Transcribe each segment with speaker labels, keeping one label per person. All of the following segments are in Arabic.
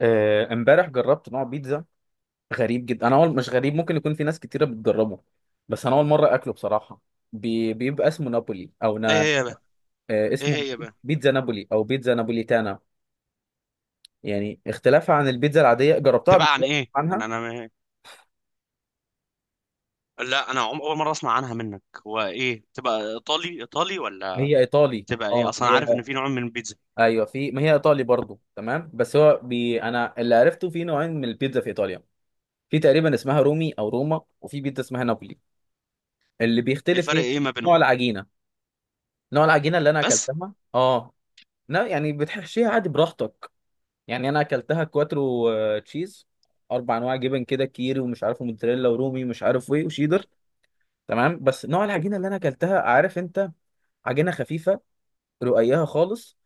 Speaker 1: آه، امبارح جربت نوع بيتزا غريب جدا. انا اول مش غريب، ممكن يكون في ناس كتيره بتجربه، بس انا اول مره اكله بصراحه. بيبقى اسمه نابولي او
Speaker 2: ايه
Speaker 1: نا...
Speaker 2: هي بقى
Speaker 1: آه،
Speaker 2: ايه
Speaker 1: اسمه
Speaker 2: هي بقى
Speaker 1: بيتزا نابولي او بيتزا نابوليتانا. يعني اختلافها عن البيتزا العاديه جربتها قبل
Speaker 2: تبقى عن
Speaker 1: كده.
Speaker 2: ايه؟ انا
Speaker 1: عنها.
Speaker 2: انا لا، اول مره اسمع عنها منك. هو ايه؟ تبقى ايطالي ولا
Speaker 1: هي ايطالي.
Speaker 2: تبقى ايه
Speaker 1: اه
Speaker 2: اصلا؟
Speaker 1: هي.
Speaker 2: عارف ان في نوع من البيتزا.
Speaker 1: ايوه في، ما هي ايطالي برضو، تمام. بس هو انا اللي عرفته في نوعين من البيتزا في ايطاليا. في تقريبا اسمها رومي او روما، وفي بيتزا اسمها نابولي. اللي بيختلف
Speaker 2: الفرق
Speaker 1: ايه؟
Speaker 2: ايه ما
Speaker 1: نوع
Speaker 2: بينهم؟
Speaker 1: العجينه. نوع العجينه اللي انا
Speaker 2: بس.
Speaker 1: اكلتها اه. لا يعني بتحشيها عادي براحتك. يعني انا اكلتها كواترو تشيز، اربع انواع جبن كده، كيري ومش عارف موتزاريلا ورومي مش عارف ايه وشيدر. تمام. بس نوع العجينه اللي انا اكلتها عارف انت، عجينه خفيفه، رقيقها خالص.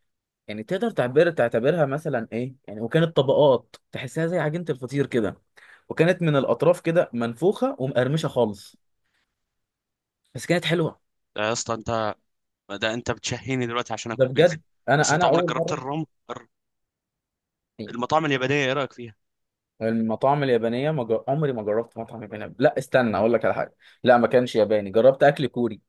Speaker 1: يعني تقدر تعبر تعتبرها مثلا ايه يعني، وكانت طبقات تحسها زي عجينه الفطير كده. وكانت من الاطراف كده منفوخه ومقرمشه خالص. بس كانت حلوه.
Speaker 2: ده يا اسطى انت، ده انت بتشهيني دلوقتي عشان
Speaker 1: ده
Speaker 2: اكل بيتزا.
Speaker 1: بجد.
Speaker 2: بس
Speaker 1: انا
Speaker 2: انت
Speaker 1: انا
Speaker 2: عمرك
Speaker 1: اول
Speaker 2: جربت
Speaker 1: مره يعني.
Speaker 2: المطاعم اليابانيه؟ ايه رايك فيها؟
Speaker 1: المطاعم اليابانية ما جر... عمري ما جربت مطعم ياباني. لا استنى أقول لك على حاجة. لا، ما كانش ياباني، جربت أكل كوري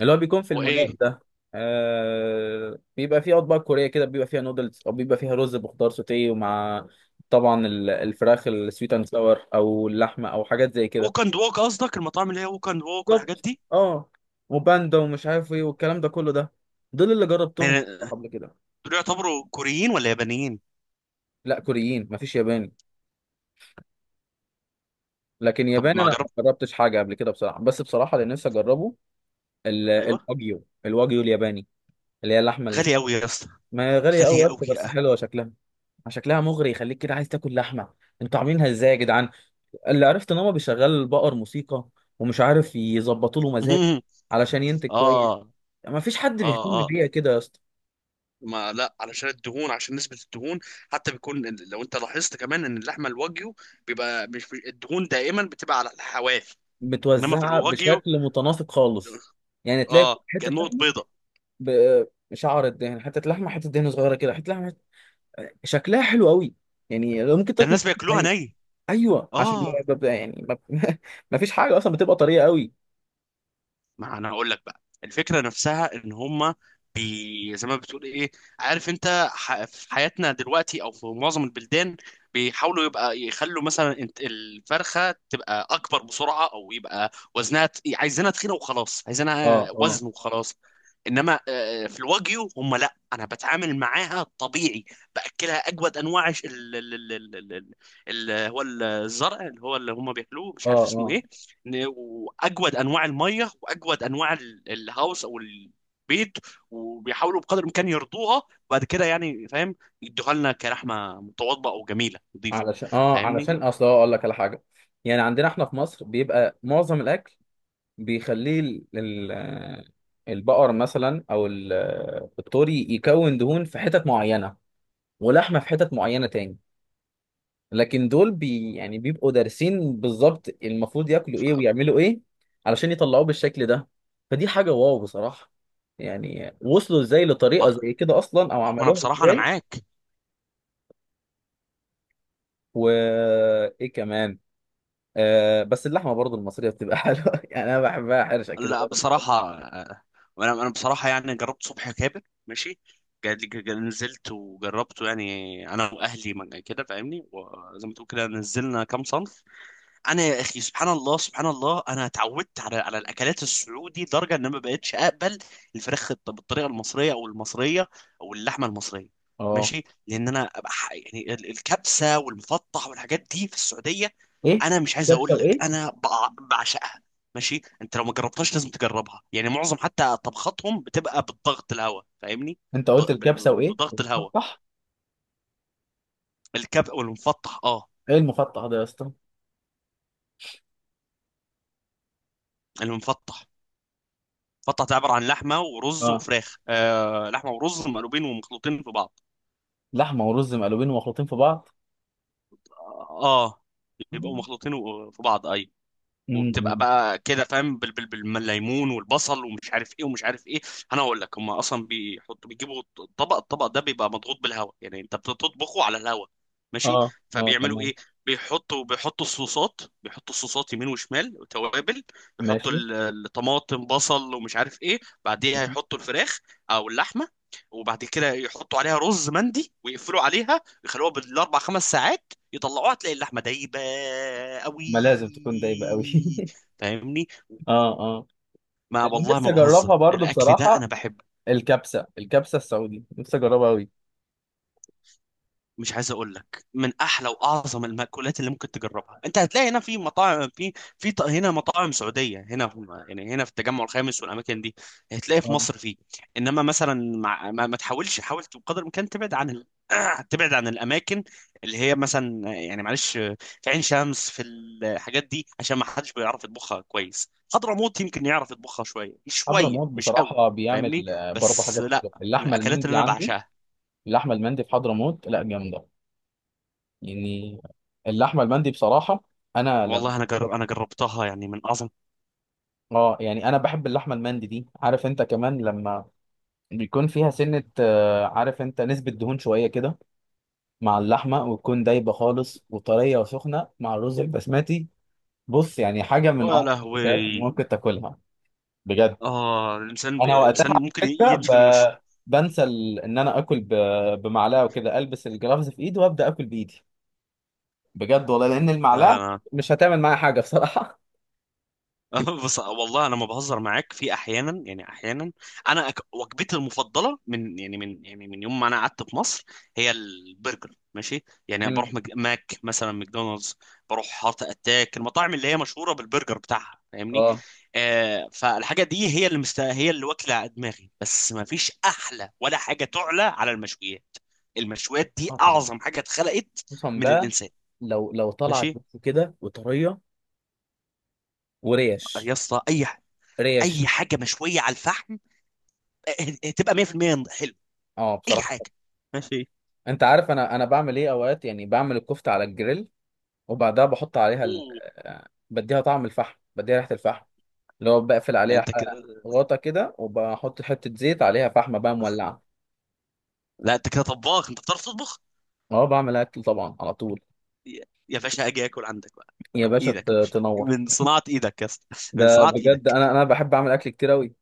Speaker 1: اللي هو بيكون في
Speaker 2: هو
Speaker 1: المولات
Speaker 2: ايه؟
Speaker 1: ده. بيبقى فيه أطباق كورية كده، بيبقى فيها نودلز أو بيبقى فيها رز بخضار سوتيه، ومع طبعا الفراخ السويت أند ساور أو اللحمة أو حاجات زي
Speaker 2: ووك
Speaker 1: كده.
Speaker 2: اند ووك قصدك؟ المطاعم اللي هي ووك اند ووك والحاجات
Speaker 1: بالظبط.
Speaker 2: دي؟
Speaker 1: أه. وباندا ومش عارف إيه والكلام ده كله، ده دول اللي جربتهم
Speaker 2: يعني
Speaker 1: قبل كده.
Speaker 2: دول يعتبروا كوريين ولا يابانيين؟
Speaker 1: لا كوريين، مفيش ياباني. لكن
Speaker 2: طب
Speaker 1: ياباني
Speaker 2: ما
Speaker 1: أنا
Speaker 2: جربت.
Speaker 1: ما جربتش حاجة قبل كده بصراحة. بس بصراحة اللي نفسي أجربه ال-
Speaker 2: ايوه.
Speaker 1: الواجيو الواجيو الياباني، اللي هي اللحمه اللي...
Speaker 2: غالي قوي يا اسطى.
Speaker 1: ما هي غاليه قوي
Speaker 2: غاليه
Speaker 1: يا اسطى،
Speaker 2: قوي.
Speaker 1: بس حلوه شكلها. شكلها مغري يخليك كده عايز تاكل لحمه. انتوا عاملينها ازاي يا جدعان؟ اللي عرفت ان هو بيشغل البقر موسيقى ومش عارف يظبطوا له مزاج علشان ينتج كويس.
Speaker 2: اه،
Speaker 1: ما فيش حد
Speaker 2: اه،
Speaker 1: بيهتم
Speaker 2: اه.
Speaker 1: بيها كده يا اسطى.
Speaker 2: ما لا، علشان الدهون، عشان نسبة الدهون. حتى بيكون لو انت لاحظت كمان ان اللحمة الواجيو بيبقى الدهون دائما بتبقى على الحواف. انما في
Speaker 1: متوزعه
Speaker 2: الواجيو
Speaker 1: بشكل متناسق خالص، يعني تلاقي
Speaker 2: اه،
Speaker 1: حته
Speaker 2: كأنه
Speaker 1: لحمه
Speaker 2: بيضة.
Speaker 1: بشعر الدهن، حته لحمه، حته دهن صغيره كده، حته لحمه، حتة... شكلها حلو قوي. يعني لو ممكن
Speaker 2: ده
Speaker 1: تاكل.
Speaker 2: الناس بياكلوها ني؟
Speaker 1: ايوه عشان
Speaker 2: اه.
Speaker 1: ببقى يعني ما ما فيش حاجه اصلا، بتبقى طريه قوي.
Speaker 2: ما انا اقول لك بقى، الفكره نفسها ان هما بي زي ما بتقول ايه، عارف انت في حياتنا دلوقتي او في معظم البلدان بيحاولوا يبقى يخلوا مثلا الفرخه تبقى اكبر بسرعه، او يبقى عايزينها تخينه وخلاص،
Speaker 1: اه
Speaker 2: عايزينها
Speaker 1: اه.
Speaker 2: وزن وخلاص. انما في الواجيو هم لا، انا بتعامل معاها طبيعي. باكلها اجود انواع هو الزرع اللي هو اللي هم بياكلوه، مش
Speaker 1: اه
Speaker 2: عارف اسمه
Speaker 1: اه.
Speaker 2: ايه. واجود انواع الميه، واجود انواع الهاوس او البيت. وبيحاولوا بقدر الامكان يرضوها، وبعد كده يعني فاهم، يدوها لنا كرحمه متواضعه او جميله نظيفه.
Speaker 1: علشان اه،
Speaker 2: فاهمني؟
Speaker 1: علشان اصل هو اقول لك على حاجه، يعني عندنا احنا في مصر بيبقى معظم الاكل بيخليه البقر مثلا او الطوري يكون دهون في حتت معينه ولحمه في حتت معينه تاني. لكن دول يعني بيبقوا دارسين بالظبط المفروض ياكلوا
Speaker 2: ف...
Speaker 1: ايه ويعملوا ايه علشان يطلعوه بالشكل ده. فدي حاجة واو بصراحة. يعني وصلوا ازاي لطريقة
Speaker 2: ما...
Speaker 1: زي كده اصلا او
Speaker 2: وانا
Speaker 1: عملوها
Speaker 2: بصراحه انا
Speaker 1: ازاي؟
Speaker 2: معاك.
Speaker 1: وايه كمان. آه بس اللحمة برضو المصرية بتبقى حلوة يعني، انا بحبها حرشة كده
Speaker 2: لا
Speaker 1: برضو.
Speaker 2: بصراحه، وانا بصراحه يعني جربت صبح كابر، ماشي. نزلت وجربته يعني، انا واهلي كده فاهمني، وزي ما تقول كده نزلنا كام صنف. انا يا اخي، سبحان الله سبحان الله، انا اتعودت على الاكلات السعودي لدرجه ان أنا ما بقتش اقبل بالطريقه المصريه او المصريه، او اللحمه المصريه.
Speaker 1: اه.
Speaker 2: ماشي، لان انا يعني الكبسه والمفطح والحاجات دي في السعوديه،
Speaker 1: ايه
Speaker 2: انا مش عايز
Speaker 1: كبسة
Speaker 2: اقول لك
Speaker 1: وايه؟
Speaker 2: انا بعشقها. ماشي، انت لو ما جربتهاش لازم تجربها. يعني معظم حتى طبخاتهم بتبقى بالضغط الهواء، فاهمني،
Speaker 1: انت قلت الكبسة وايه؟
Speaker 2: بضغط الهواء.
Speaker 1: المفتح.
Speaker 2: الكبسه والمفطح اه.
Speaker 1: ايه المفتح ده يا اسطى؟
Speaker 2: المفطح بطه تعبر عن لحمه ورز
Speaker 1: اه
Speaker 2: وفراخ، آه، لحمه ورز مقلوبين ومخلوطين في بعض.
Speaker 1: لحمة ورز مقلوبين ومخلوطين في بعض.
Speaker 2: اه يبقوا مخلوطين في بعض، ايوه. وبتبقى
Speaker 1: امم.
Speaker 2: بقى كده فاهم، بالليمون والبصل ومش عارف ايه ومش عارف ايه. انا اقول لك هم اصلا بيحطوا، بيجيبوا الطبق، ده بيبقى مضغوط بالهواء، يعني انت بتطبخه على الهواء. ماشي؟
Speaker 1: اه اه
Speaker 2: فبيعملوا
Speaker 1: تمام.
Speaker 2: ايه؟ بيحطوا الصوصات، يمين وشمال وتوابل. يحطوا
Speaker 1: ماشي،
Speaker 2: الطماطم، بصل ومش عارف ايه. بعديها يحطوا الفراخ او اللحمه، وبعد كده يحطوا عليها رز مندي، ويقفلوا عليها ويخلوها بالاربع خمس ساعات. يطلعوها، تلاقي اللحمه دايبه قوي.
Speaker 1: ما لازم تكون دايبه قوي
Speaker 2: فاهمني؟
Speaker 1: اه اه.
Speaker 2: ما
Speaker 1: اللي
Speaker 2: والله
Speaker 1: نفسي
Speaker 2: ما بهزر،
Speaker 1: اجربها برضو
Speaker 2: الاكل ده انا
Speaker 1: بصراحه،
Speaker 2: بحبه.
Speaker 1: الكبسه السعودي نفسي اجربها قوي.
Speaker 2: مش عايز اقول لك من احلى واعظم المأكولات اللي ممكن تجربها. انت هتلاقي هنا في مطاعم، هنا مطاعم سعوديه، هنا في يعني، هنا في التجمع الخامس والاماكن دي، هتلاقي في
Speaker 1: آه.
Speaker 2: مصر فيه. انما مثلا مع ما تحاولش، حاول بقدر الامكان تبعد عن تبعد عن الاماكن اللي هي مثلا يعني معلش في عين شمس، في الحاجات دي، عشان ما حدش بيعرف يطبخها كويس. حضرموت يمكن يعرف يطبخها شويه شويه،
Speaker 1: حضرموت
Speaker 2: مش قوي.
Speaker 1: بصراحه
Speaker 2: فاهمني؟
Speaker 1: بيعمل برضو
Speaker 2: بس
Speaker 1: حاجات
Speaker 2: لا،
Speaker 1: حلوه،
Speaker 2: من
Speaker 1: اللحمه
Speaker 2: الاكلات اللي
Speaker 1: المندي
Speaker 2: انا
Speaker 1: عنده.
Speaker 2: بعشقها.
Speaker 1: اللحمه المندي في حضرموت لا جامده يعني. اللحمه المندي بصراحه، انا لما
Speaker 2: والله انا انا جربتها، يعني من اعظم.
Speaker 1: اه يعني انا بحب اللحمه المندي دي، عارف انت، كمان لما بيكون فيها سنه عارف انت، نسبه دهون شويه كده مع اللحمه، وتكون دايبه خالص وطريه وسخنه مع الرز البسمتي. بص يعني حاجة من
Speaker 2: يا
Speaker 1: أعظم الأكلات اللي
Speaker 2: لهوي.
Speaker 1: ممكن تاكلها بجد.
Speaker 2: اه، الانسان
Speaker 1: أنا وقتها
Speaker 2: الانسان
Speaker 1: على
Speaker 2: ممكن
Speaker 1: فكرة
Speaker 2: يدفن
Speaker 1: بنسى إن أنا آكل بمعلقة وكده، ألبس الجلافز في إيدي وأبدأ آكل بإيدي، بجد والله، لأن المعلقة
Speaker 2: وشه.
Speaker 1: مش هتعمل معايا حاجة بصراحة.
Speaker 2: بص، والله انا ما بهزر معاك. في احيانا يعني انا وجبتي المفضله من من يوم ما انا قعدت في مصر هي البرجر. ماشي؟ يعني
Speaker 1: مم.
Speaker 2: بروح ماك مثلا، ماكدونالدز، بروح هارت اتاك، المطاعم اللي هي مشهوره بالبرجر بتاعها، فاهمني.
Speaker 1: أه
Speaker 2: آه، فالحاجه دي هي اللي هي اللي واكله دماغي. بس ما فيش احلى ولا حاجه تعلى على المشويات. المشويات دي
Speaker 1: أه طبعا.
Speaker 2: اعظم حاجه اتخلقت
Speaker 1: خصوصا
Speaker 2: من
Speaker 1: بقى
Speaker 2: الانسان.
Speaker 1: لو طلعت
Speaker 2: ماشي
Speaker 1: بس كده وطرية
Speaker 2: يا
Speaker 1: وريش.
Speaker 2: اسطى،
Speaker 1: ريش.
Speaker 2: اي حاجه مشويه على الفحم، إيه، تبقى 100% حلو.
Speaker 1: أه
Speaker 2: اي
Speaker 1: بصراحة.
Speaker 2: حاجه. ماشي.
Speaker 1: أنت عارف أنا بعمل إيه أوقات؟ يعني بعمل الكفتة على الجريل، وبعدها بحط عليها ال...
Speaker 2: أوه.
Speaker 1: آه، بديها طعم الفحم، بديها ريحة الفحم، اللي هو بقفل
Speaker 2: لا
Speaker 1: عليها
Speaker 2: انت كده،
Speaker 1: غطا كده، وبحط حتة زيت عليها فحمة بقى مولعة.
Speaker 2: لا انت كده طباخ، انت بتعرف تطبخ.
Speaker 1: اه بعمل أكل طبعا على طول.
Speaker 2: يا باشا، اجي اكل عندك بقى.
Speaker 1: يا باشا
Speaker 2: ايدك يا باشا،
Speaker 1: تنور.
Speaker 2: من صناعه ايدك يا اسطى، من
Speaker 1: ده
Speaker 2: صناعه
Speaker 1: بجد
Speaker 2: ايدك.
Speaker 1: أنا بحب أعمل أكل كتير أوي.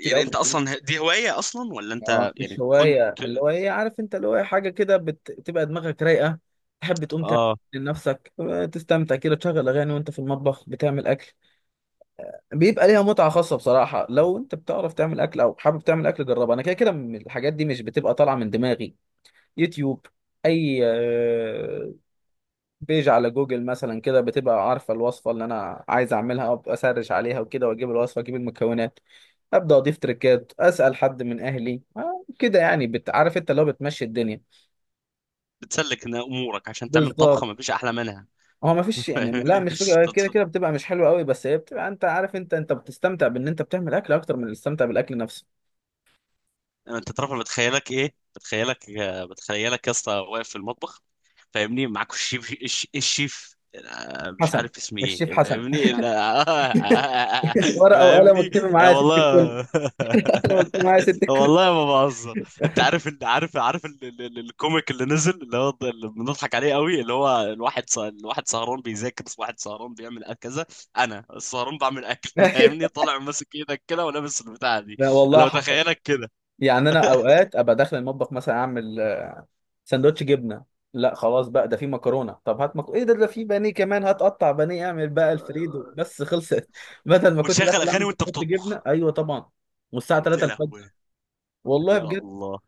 Speaker 1: كتير
Speaker 2: انت
Speaker 1: أوي.
Speaker 2: اصلا دي هوايه اصلا ولا
Speaker 1: اه،
Speaker 2: انت
Speaker 1: مش
Speaker 2: يعني كنت؟
Speaker 1: هواية، اللي هو إيه عارف أنت، اللي هو إيه حاجة كده بتبقى دماغك رايقة، تحب تقوم تعمل
Speaker 2: اه.
Speaker 1: لنفسك، تستمتع كده، تشغل أغاني وأنت في المطبخ بتعمل أكل، بيبقى ليها متعة خاصة بصراحة. لو أنت بتعرف تعمل أكل أو حابب تعمل أكل جربها. أنا كده كده الحاجات دي مش بتبقى طالعة من دماغي. يوتيوب. اي بيج على جوجل مثلا كده، بتبقى عارفه الوصفه اللي انا عايز اعملها، ابقى اسرش عليها وكده، واجيب الوصفه اجيب المكونات، ابدا اضيف تريكات، اسال حد من اهلي كده، يعني عارف انت اللي هو بتمشي الدنيا.
Speaker 2: بتسلك إن امورك عشان تعمل طبخه
Speaker 1: بالظبط.
Speaker 2: ما فيش احلى منها.
Speaker 1: هو ما فيش يعني، لا
Speaker 2: فاهمني؟
Speaker 1: مش فكره، كده كده بتبقى مش حلوه قوي، بس هي بتبقى، انت عارف، انت بتستمتع بان انت بتعمل اكل اكتر من الاستمتاع بالاكل نفسه.
Speaker 2: انت تعرف أنا بتخيلك ايه؟ بتخيلك يا اسطى واقف في المطبخ، فاهمني، معاك الشيف الشيف، مش
Speaker 1: حسن.
Speaker 2: عارف اسمي
Speaker 1: الشيف
Speaker 2: ايه،
Speaker 1: حسن.
Speaker 2: فاهمني، لا،
Speaker 1: ورقه وقلم
Speaker 2: فاهمني،
Speaker 1: واكتبي معايا يا ست الكل.
Speaker 2: والله.
Speaker 1: انا واكتبي معايا يا ست الكل.
Speaker 2: والله ما بهزر. انت عارف الكوميك اللي نزل، اللي هو اللي بنضحك عليه قوي، اللي هو الواحد الواحد سهران بيذاكر، واحد سهران بيعمل كذا، انا السهران بعمل اكل. فاهمني؟ طالع ماسك ايدك كده ولابس البتاعه دي.
Speaker 1: لا والله
Speaker 2: انا
Speaker 1: حصل.
Speaker 2: بتخيلك
Speaker 1: يعني انا اوقات ابقى داخل المطبخ مثلا اعمل سندوتش جبنه، لا خلاص بقى، ده في مكرونه، طب هات مكرونه، ايه ده، ده في بانيه كمان، هات قطع بانيه اعمل بقى الفريدو،
Speaker 2: كده،
Speaker 1: بس خلصت بدل ما كنت
Speaker 2: وتشغل
Speaker 1: داخل
Speaker 2: اغاني
Speaker 1: اعمل
Speaker 2: وانت
Speaker 1: كنت
Speaker 2: بتطبخ.
Speaker 1: جبنه، ايوه طبعا. والساعه 3
Speaker 2: يا
Speaker 1: الفجر.
Speaker 2: لهوي،
Speaker 1: والله
Speaker 2: يا
Speaker 1: بجد.
Speaker 2: الله.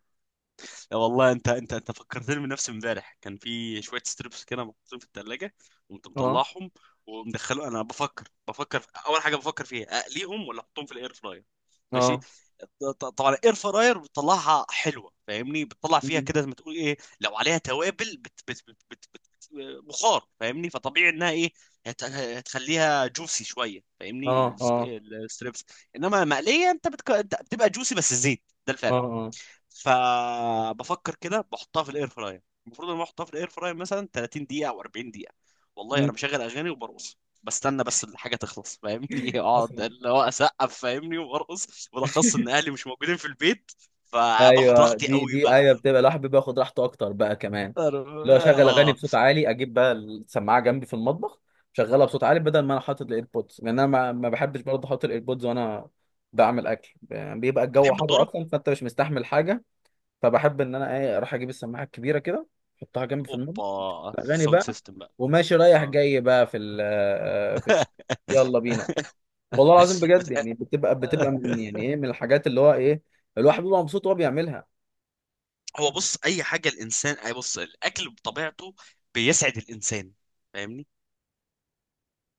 Speaker 2: يا والله، انت فكرتني بنفسي. امبارح كان في شويه ستريبس كده محطوطين في الثلاجه. قمت
Speaker 1: اه
Speaker 2: مطلعهم ومدخله، انا بفكر اول حاجه بفكر فيها اقليهم ولا احطهم في الاير فراير. ماشي؟
Speaker 1: اه.
Speaker 2: طبعا الاير فراير بتطلعها حلوه، فاهمني، بتطلع فيها
Speaker 1: مم.
Speaker 2: كده زي ما تقول ايه، لو عليها توابل بت بت بت بت بت بخار، فاهمني، فطبيعي انها ايه، هتخليها جوسي شويه، فاهمني،
Speaker 1: اه اه.
Speaker 2: الستريبس. انما مقليه، انت انت بتبقى جوسي بس زيت، ده
Speaker 1: اه
Speaker 2: الفرق.
Speaker 1: اه.
Speaker 2: فبفكر كده، بحطها في الاير فراير. المفروض ان انا احطها في الاير فراير مثلا 30 دقيقه او 40 دقيقه. والله
Speaker 1: مم.
Speaker 2: انا مشغل اغاني وبرقص، بستنى بس الحاجه تخلص، فاهمني. اقعد
Speaker 1: حصل.
Speaker 2: اللي هو اسقف فاهمني، وبرقص، بالاخص ان اهلي مش موجودين في البيت، فباخد
Speaker 1: ايوه
Speaker 2: راحتي
Speaker 1: دي
Speaker 2: قوي
Speaker 1: دي
Speaker 2: بقى.
Speaker 1: ايوه، بتبقى الواحد بيبقى ياخد راحته اكتر بقى كمان.
Speaker 2: أنا،
Speaker 1: اللي هو اشغل اغاني
Speaker 2: اه،
Speaker 1: بصوت عالي، اجيب بقى السماعه جنبي في المطبخ، شغلها بصوت عالي، بدل ما انا حاطط الايربودز، لان انا ما بحبش برضه احط الايربودز وانا بعمل اكل، يعني بيبقى الجو
Speaker 2: بتحب
Speaker 1: حر
Speaker 2: الذره،
Speaker 1: اصلا، فانت مش مستحمل حاجه. فبحب ان انا ايه اروح اجيب السماعه الكبيره كده، احطها جنبي في المطبخ،
Speaker 2: اوبا
Speaker 1: الاغاني
Speaker 2: ساوند
Speaker 1: بقى.
Speaker 2: سيستم بقى.
Speaker 1: وماشي رايح
Speaker 2: اه.
Speaker 1: جاي بقى في ال... في الش- يلا بينا. والله العظيم بجد،
Speaker 2: بت...
Speaker 1: يعني بتبقى من يعني ايه، من الحاجات اللي هو ايه، الواحد بيبقى مبسوط وهو بيعملها.
Speaker 2: هو بص، اي حاجه الانسان، بص، الاكل بطبيعته بيسعد الانسان. فاهمني،